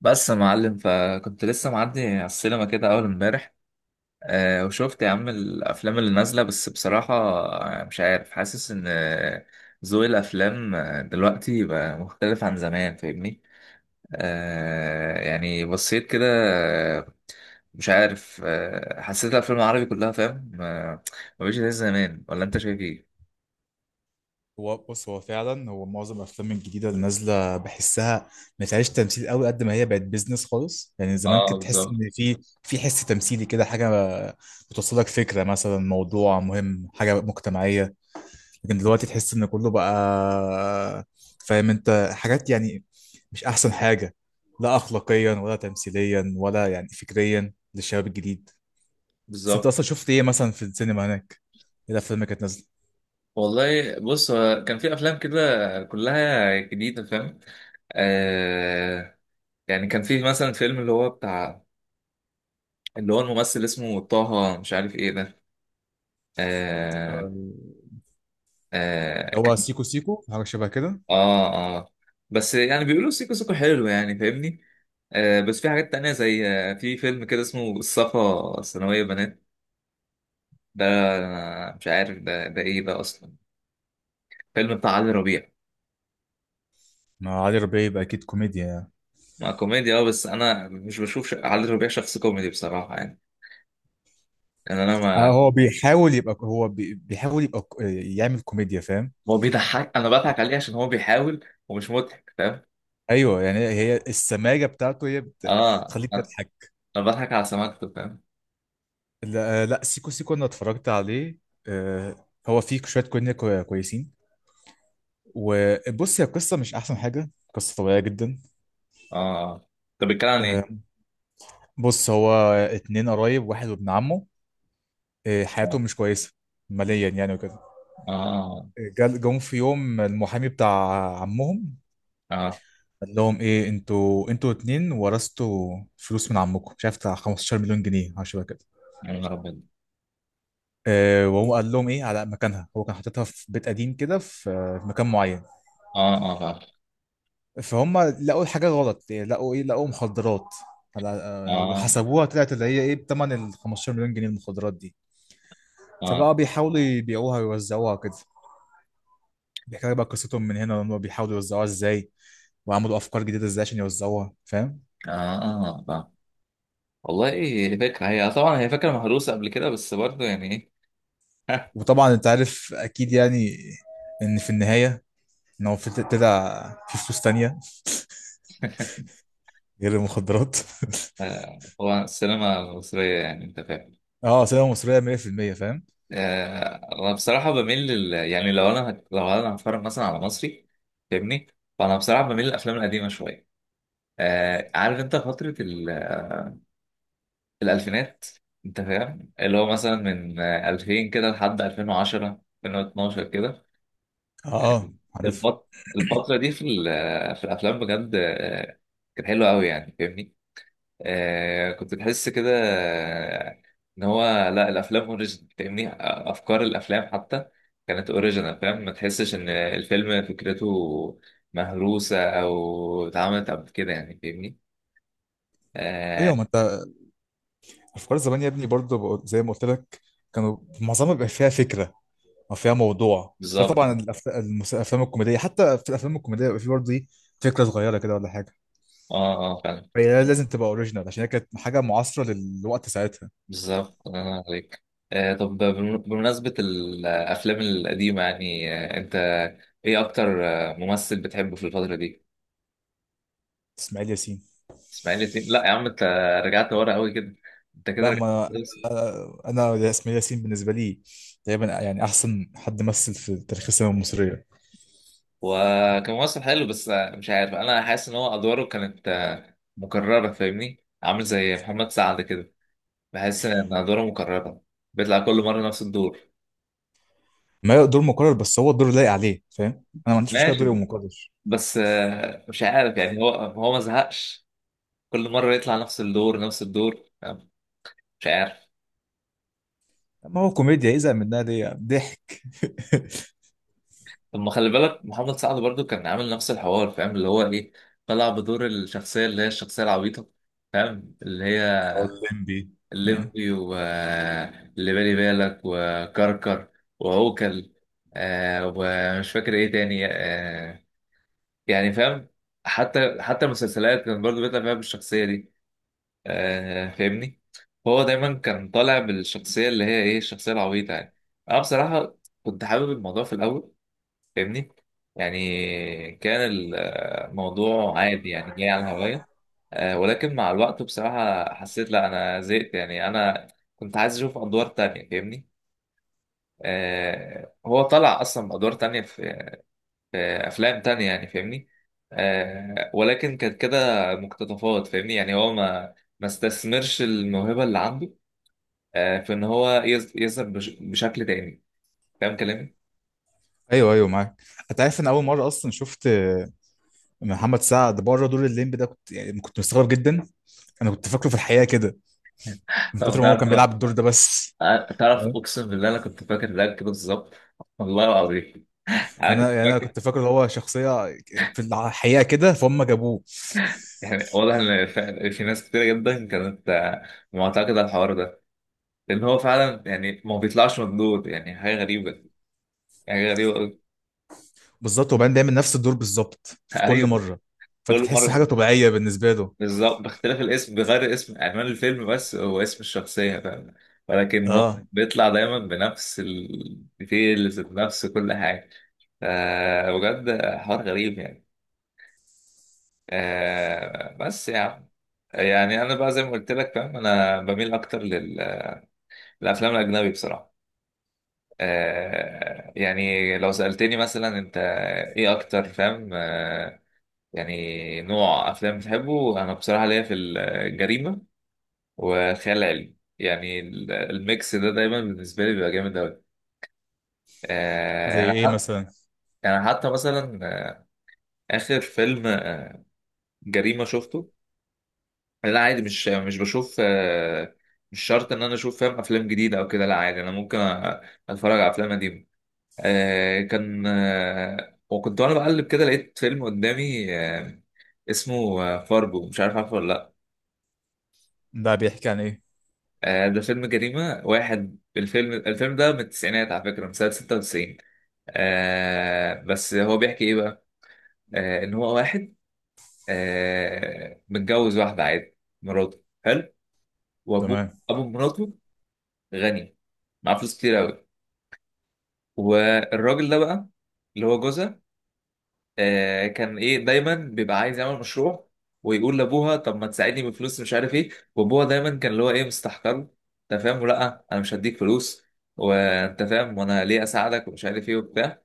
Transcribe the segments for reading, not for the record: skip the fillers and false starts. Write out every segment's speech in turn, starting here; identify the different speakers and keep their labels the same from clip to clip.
Speaker 1: بس يا معلم، فكنت لسه معدي على السينما كده اول امبارح. وشفت يا عم الافلام اللي نازله، بس بصراحه مش عارف، حاسس ان ذوق الافلام دلوقتي بقى مختلف عن زمان فاهمني. يعني بصيت كده. آه، مش عارف، حسيت الافلام العربي كلها فاهم، مبقتش زي زمان. ولا انت شايف ايه؟
Speaker 2: هو بص، هو فعلا معظم الافلام الجديده اللي نازله بحسها ما فيهاش تمثيل قوي، قد ما هي بقت بيزنس خالص. يعني زمان كنت
Speaker 1: اه،
Speaker 2: تحس ان
Speaker 1: بالظبط.
Speaker 2: في حس تمثيلي كده، حاجه بتوصلك فكره، مثلا موضوع مهم، حاجه مجتمعيه. لكن دلوقتي تحس ان كله بقى، فاهم انت، حاجات يعني مش احسن حاجه، لا اخلاقيا ولا تمثيليا ولا يعني فكريا للشباب الجديد. بس انت
Speaker 1: بالظبط.
Speaker 2: اصلا شفت ايه مثلا في السينما هناك؟ ايه الافلام اللي كانت نازله؟
Speaker 1: والله بص، هو كان في افلام كده كلها جديده فاهم. آه يعني كان في مثلا فيلم اللي هو الممثل اسمه طه، مش عارف ايه ده. آه.
Speaker 2: اللي
Speaker 1: آه
Speaker 2: هو
Speaker 1: كان.
Speaker 2: سيكو سيكو حاجه شبه كده.
Speaker 1: اه، اه. بس يعني بيقولوا سيكو سيكو حلو يعني فاهمني. بس في حاجات تانية، زي في فيلم كده اسمه الصفا ثانوية بنات ده. أنا مش عارف ده ايه ده اصلا. فيلم بتاع علي ربيع.
Speaker 2: ما علي ربيع يبقى اكيد كوميديا يعني.
Speaker 1: ما كوميديا اه، بس انا مش بشوف علي ربيع شخص كوميدي بصراحة يعني. يعني انا
Speaker 2: آه
Speaker 1: ما.
Speaker 2: هو بيحاول يبقى، بيحاول يعمل كوميديا، فاهم.
Speaker 1: هو بيضحك، انا بضحك عليه عشان هو بيحاول ومش مضحك فاهم.
Speaker 2: ايوه، يعني هي السماجه بتاعته هي بت-
Speaker 1: اه.
Speaker 2: بتخليك
Speaker 1: انا
Speaker 2: تضحك.
Speaker 1: بضحك على سماكته فاهم.
Speaker 2: لا، آه، لا سيكو سيكو انا اتفرجت عليه. آه هو فيه شويه كوميديا كويسين. وبص، هي القصه مش احسن حاجه، قصه طبيعيه جدا.
Speaker 1: اه، طب بيتكلم عن ايه؟
Speaker 2: آه، بص هو اتنين قرايب، واحد وابن عمه. آه
Speaker 1: اه،
Speaker 2: حياتهم مش كويسه ماليا يعني وكده.
Speaker 1: اه.
Speaker 2: جم في يوم المحامي بتاع عمهم،
Speaker 1: اه.
Speaker 2: قال لهم ايه، انتوا اتنين ورثتوا فلوس من عمكم، مش عارف بتاع 15 مليون جنيه حاجه شبه كده.
Speaker 1: يا نهار ابيض.
Speaker 2: آه، وهو قال لهم ايه على مكانها، هو كان حاططها في بيت قديم كده، في في مكان معين.
Speaker 1: اه، اه، فاهم.
Speaker 2: فهم لقوا حاجه غلط إيه، لقوا ايه، لقوا مخدرات على، آه،
Speaker 1: اه،
Speaker 2: وحسبوها طلعت اللي هي ايه، بتمن ال 15 مليون جنيه المخدرات دي.
Speaker 1: اه.
Speaker 2: فبقى بيحاولوا يبيعوها ويوزعوها كده. بيحكي لك بقى قصتهم من هنا، لما بيحاولوا يوزعوها ازاي، وعملوا افكار جديده ازاي عشان يوزعوها، فاهم.
Speaker 1: اه، اه، فاهم. والله ايه فكره، هي طبعا هي فكره مهروسه قبل كده، بس برضه يعني ايه.
Speaker 2: وطبعا انت عارف اكيد يعني، ان في النهايه، ان هو في طلع في فلوس تانية غير المخدرات
Speaker 1: هو السينما المصريه يعني انت فاهم.
Speaker 2: اه سينما مصرية 100%، فاهم.
Speaker 1: انا بصراحه بميل لل... يعني لو انا هت... لو انا هتفرج مثلا على مصري فاهمني. فانا بصراحه بميل للافلام القديمه شويه. عارف انت فتره الألفينات. أنت فاهم اللي هو مثلا من 2000 كده لحد 2010 2012 كده.
Speaker 2: اه اه عارف.
Speaker 1: الفت... الفترة دي في ال... آه، في الأفلام بجد، كانت حلوة أوي يعني فاهمني. آه، كنت تحس كده إن هو لا، الأفلام أوريجينال فاهمني. أفكار الأفلام حتى كانت أوريجينال فاهم. ما تحسش إن الفيلم فكرته مهروسة أو اتعملت قبل كده يعني فاهمني. آه.
Speaker 2: ايوه، ما انت افكار زمان يا ابني، برضه زي ما قلت لك، كانوا معظمها بيبقى فيها فكرة او فيها موضوع، غير
Speaker 1: بالظبط.
Speaker 2: طبعا الافلام الكوميدية. حتى في الافلام الكوميدية بيبقى في برضه ايه، فكرة صغيرة كده ولا حاجة.
Speaker 1: اه، اه،
Speaker 2: هي لازم تبقى اوريجينال، عشان هي كانت حاجة معاصرة للوقت ساعتها.
Speaker 1: بالظبط. الله ينور عليك. طب بمناسبة الأفلام القديمة يعني، أنت إيه أكتر ممثل بتحبه في الفترة دي؟
Speaker 2: اسماعيل ياسين.
Speaker 1: إسماعيل ياسين؟ لا يا عم، أنت رجعت ورا قوي كده. أنت كده
Speaker 2: لا،
Speaker 1: رجعت
Speaker 2: ما
Speaker 1: كويس.
Speaker 2: انا أنا اسماعيل ياسين بالنسبه لي تقريبا يعني احسن حد مثل في تاريخ السينما المصريه.
Speaker 1: هو كان ممثل حلو بس مش عارف، أنا حاسس إن هو أدواره كانت مكررة فاهمني؟ عامل زي محمد سعد كده. بحس إن أدواره مكررة، بيطلع كل مرة نفس الدور.
Speaker 2: ما هو دور مكرر بس هو الدور لايق عليه، فاهم. انا ما عنديش مشكله دوري
Speaker 1: ماشي،
Speaker 2: يبقى مكرر.
Speaker 1: بس مش عارف يعني. هو ما زهقش، كل مرة يطلع نفس الدور نفس الدور يعني. مش عارف.
Speaker 2: ما هو كوميديا، يزهق منها ليه؟ ضحك.
Speaker 1: طب ما خلي بالك محمد سعد برضو كان عامل نفس الحوار فاهم، اللي هو ايه، طلع بدور الشخصية اللي هي الشخصية العبيطة فاهم، اللي هي
Speaker 2: هو الليمبي. آه.
Speaker 1: الليمبي واللي بالي بالك وكركر وعوكل. آه، ومش فاكر ايه تاني. يعني فاهم. حتى المسلسلات كان برضو بيطلع فيها بالشخصية دي فاهمني. هو دايما كان طالع بالشخصية اللي هي ايه الشخصية العبيطة يعني. انا بصراحة كنت حابب الموضوع في الاول فاهمني، يعني كان الموضوع عادي يعني جاي على الهواية. ولكن مع الوقت بصراحة حسيت لا، انا زهقت يعني. انا كنت عايز اشوف ادوار تانية فاهمني. آه، هو طلع اصلا بادوار تانية في افلام تانية يعني فاهمني. آه، ولكن كانت كده مقتطفات فاهمني. يعني هو ما استثمرش الموهبة اللي عنده في ان هو يظهر بشكل تاني، فاهم كلامي؟
Speaker 2: ايوه ايوه معاك. انت عارف ان اول مره اصلا شفت محمد سعد بره دور الليمبي ده، كنت مستغرب جدا. انا كنت فاكره في الحقيقه كده، من
Speaker 1: طب
Speaker 2: كتر ما هو
Speaker 1: تعرف
Speaker 2: كان
Speaker 1: انا،
Speaker 2: بيلعب الدور ده بس.
Speaker 1: تعرف اقسم بالله انا كنت فاكر ده كده بالظبط، والله العظيم انا
Speaker 2: انا
Speaker 1: كنت
Speaker 2: يعني انا
Speaker 1: فاكر.
Speaker 2: كنت فاكر ان هو شخصيه في الحقيقه كده، فهم جابوه.
Speaker 1: يعني واضح ان في ناس كتير جدا كانت معتقده على الحوار ده، لان هو فعلا يعني ما بيطلعش مردود، يعني حاجه غريبه، يعني حاجه غريبه أوي.
Speaker 2: بالظبط، وبعدين دايما نفس الدور بالظبط في كل
Speaker 1: ايوه.
Speaker 2: مره، فانت
Speaker 1: كل
Speaker 2: تحس حاجه
Speaker 1: مره
Speaker 2: طبيعيه بالنسبه له.
Speaker 1: بالظبط، باختلاف الاسم، بغير اسم عنوان الفيلم، بس هو اسم الشخصية فاهم. ولكن هو
Speaker 2: اه.
Speaker 1: بيطلع دايما بنفس الديتيلز، بنفس كل حاجة. ف- بجد حوار غريب يعني. بس يعني، يعني أنا بقى زي ما قلت لك فاهم، أنا بميل أكتر للأفلام الأجنبي بصراحة. يعني لو سألتني مثلا أنت إيه أكتر فاهم يعني نوع أفلام بتحبه، أنا بصراحة ليا في الجريمة وخيال علمي، يعني الميكس ده دايما بالنسبة لي بيبقى جامد أوي.
Speaker 2: زي
Speaker 1: أنا
Speaker 2: ايه
Speaker 1: حتى،
Speaker 2: مثلا؟
Speaker 1: مثلا آخر فيلم جريمة شفته، لا عادي مش بشوف، مش شرط إن أنا أشوف فاهم أفلام جديدة أو كده. لا عادي أنا ممكن أتفرج على أفلام قديمة. كان وكنت وأنا بقلب كده لقيت فيلم قدامي اسمه فارجو، مش عارف عارفه ولا لأ.
Speaker 2: ده بيحكي عن ايه؟
Speaker 1: ده فيلم جريمة واحد. الفيلم ده من التسعينات على فكرة، من سنة 96. آه، بس هو بيحكي ايه بقى؟ آه، ان هو واحد آه متجوز واحده عادي، مراته حلو، وابوه،
Speaker 2: تمام.
Speaker 1: ابو مراته غني، معاه فلوس كتير قوي. والراجل ده بقى، اللي هو جوزها، آه كان ايه دايما بيبقى عايز يعمل مشروع، ويقول لابوها طب ما تساعدني بفلوس مش عارف ايه. وابوها دايما كان اللي هو ايه مستحقره، انت فاهم، لا انا مش هديك فلوس، وانت فاهم وانا ليه اساعدك ومش عارف ايه وبتاع.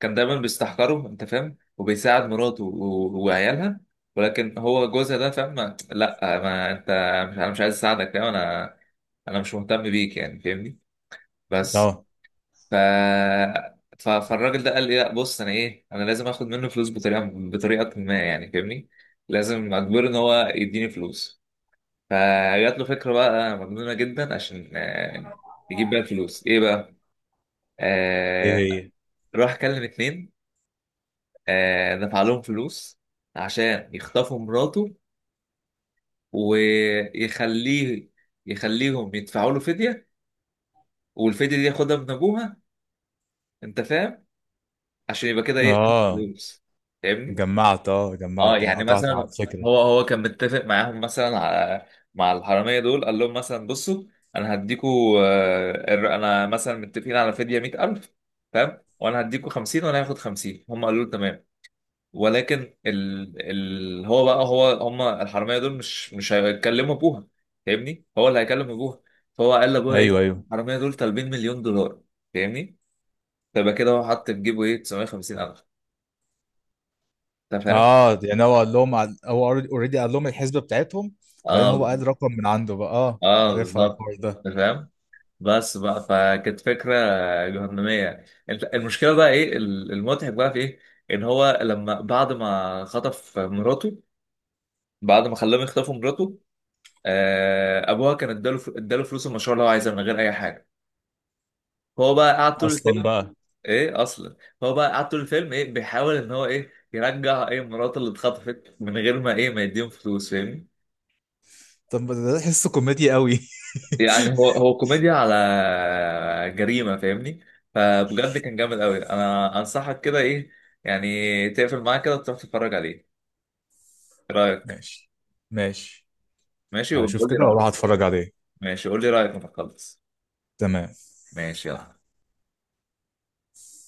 Speaker 1: كان دايما بيستحقره انت فاهم، وبيساعد مراته وعيالها. ولكن هو جوزها ده فاهم لا، ما انت، مش، انا مش عايز اساعدك فاهم، انا انا مش مهتم بيك يعني فاهمني. بس.
Speaker 2: اه.
Speaker 1: ف فالراجل ده قال لي لا بص، انا ايه، انا لازم اخد منه فلوس بطريقه ما يعني فاهمني. لازم اجبره ان هو يديني فلوس. فجات له فكره بقى مجنونه جدا عشان يجيب بيها الفلوس ايه بقى.
Speaker 2: ايه
Speaker 1: آه،
Speaker 2: هي؟
Speaker 1: راح كلم اتنين، آه، دفع لهم فلوس عشان يخطفوا مراته، ويخليه يخليهم يدفعوا له فدية، والفدية دي ياخدها من أبوها أنت فاهم، عشان يبقى كده إيه
Speaker 2: اه
Speaker 1: فلوس فاهمني؟
Speaker 2: جمعت اه
Speaker 1: أه
Speaker 2: جمعت
Speaker 1: يعني
Speaker 2: قطعت على
Speaker 1: مثلا،
Speaker 2: الفكره.
Speaker 1: هو كان متفق معاهم مثلا على، مع الحرامية دول قال لهم مثلا بصوا، أنا هديكوا أنا مثلا متفقين على فدية 100,000 فاهم؟ وأنا هديكوا 50 وأنا هاخد 50، هم قالوا له تمام. ولكن هو بقى، هو هم الحراميه دول مش هيكلموا ابوها فاهمني، هو اللي هيكلم ابوها. فهو قال لابوها
Speaker 2: ايوه
Speaker 1: ايه
Speaker 2: ايوه.
Speaker 1: الحراميه دول طالبين مليون دولار، فاهمني. فبقى كده هو حط في جيبه ايه 950 الف، انت فاهم.
Speaker 2: اه يعني هو هو اوريدي قال لهم الحسبه بتاعتهم، بعدين
Speaker 1: اه،
Speaker 2: هو قال رقم من عنده بقى، اه
Speaker 1: اه،
Speaker 2: عارفها
Speaker 1: بالظبط.
Speaker 2: الحوار ده
Speaker 1: انت فاهم، بس بقى فكانت فكره جهنميه يعني. انت المشكله بقى ايه، المضحك بقى في ايه، ان هو لما بعد ما خطف مراته، بعد ما خلاهم يخطفوا مراته، ابوها كان اداله فلوس المشروع اللي هو عايزها من غير اي حاجه. هو بقى قعد طول
Speaker 2: اصلا
Speaker 1: الفيلم
Speaker 2: بقى.
Speaker 1: ايه اصلا، هو بقى قعد طول الفيلم ايه بيحاول ان هو ايه يرجع ايه مراته اللي اتخطفت من غير ما ايه ما يديهم فلوس فاهمني.
Speaker 2: طب ده تحسه كوميديا قوي
Speaker 1: يعني هو كوميديا على جريمه فاهمني. فبجد كان جامد قوي، انا انصحك كده ايه، يعني تقفل معاه كده وتروح تتفرج عليه. إيه رايك؟
Speaker 2: ماشي، ماشي،
Speaker 1: ماشي.
Speaker 2: هشوف
Speaker 1: وبقول لي
Speaker 2: كده واروح
Speaker 1: رايك.
Speaker 2: اتفرج عليه.
Speaker 1: ماشي، قول لي رايك لما تخلص.
Speaker 2: تمام.
Speaker 1: ماشي، يلا.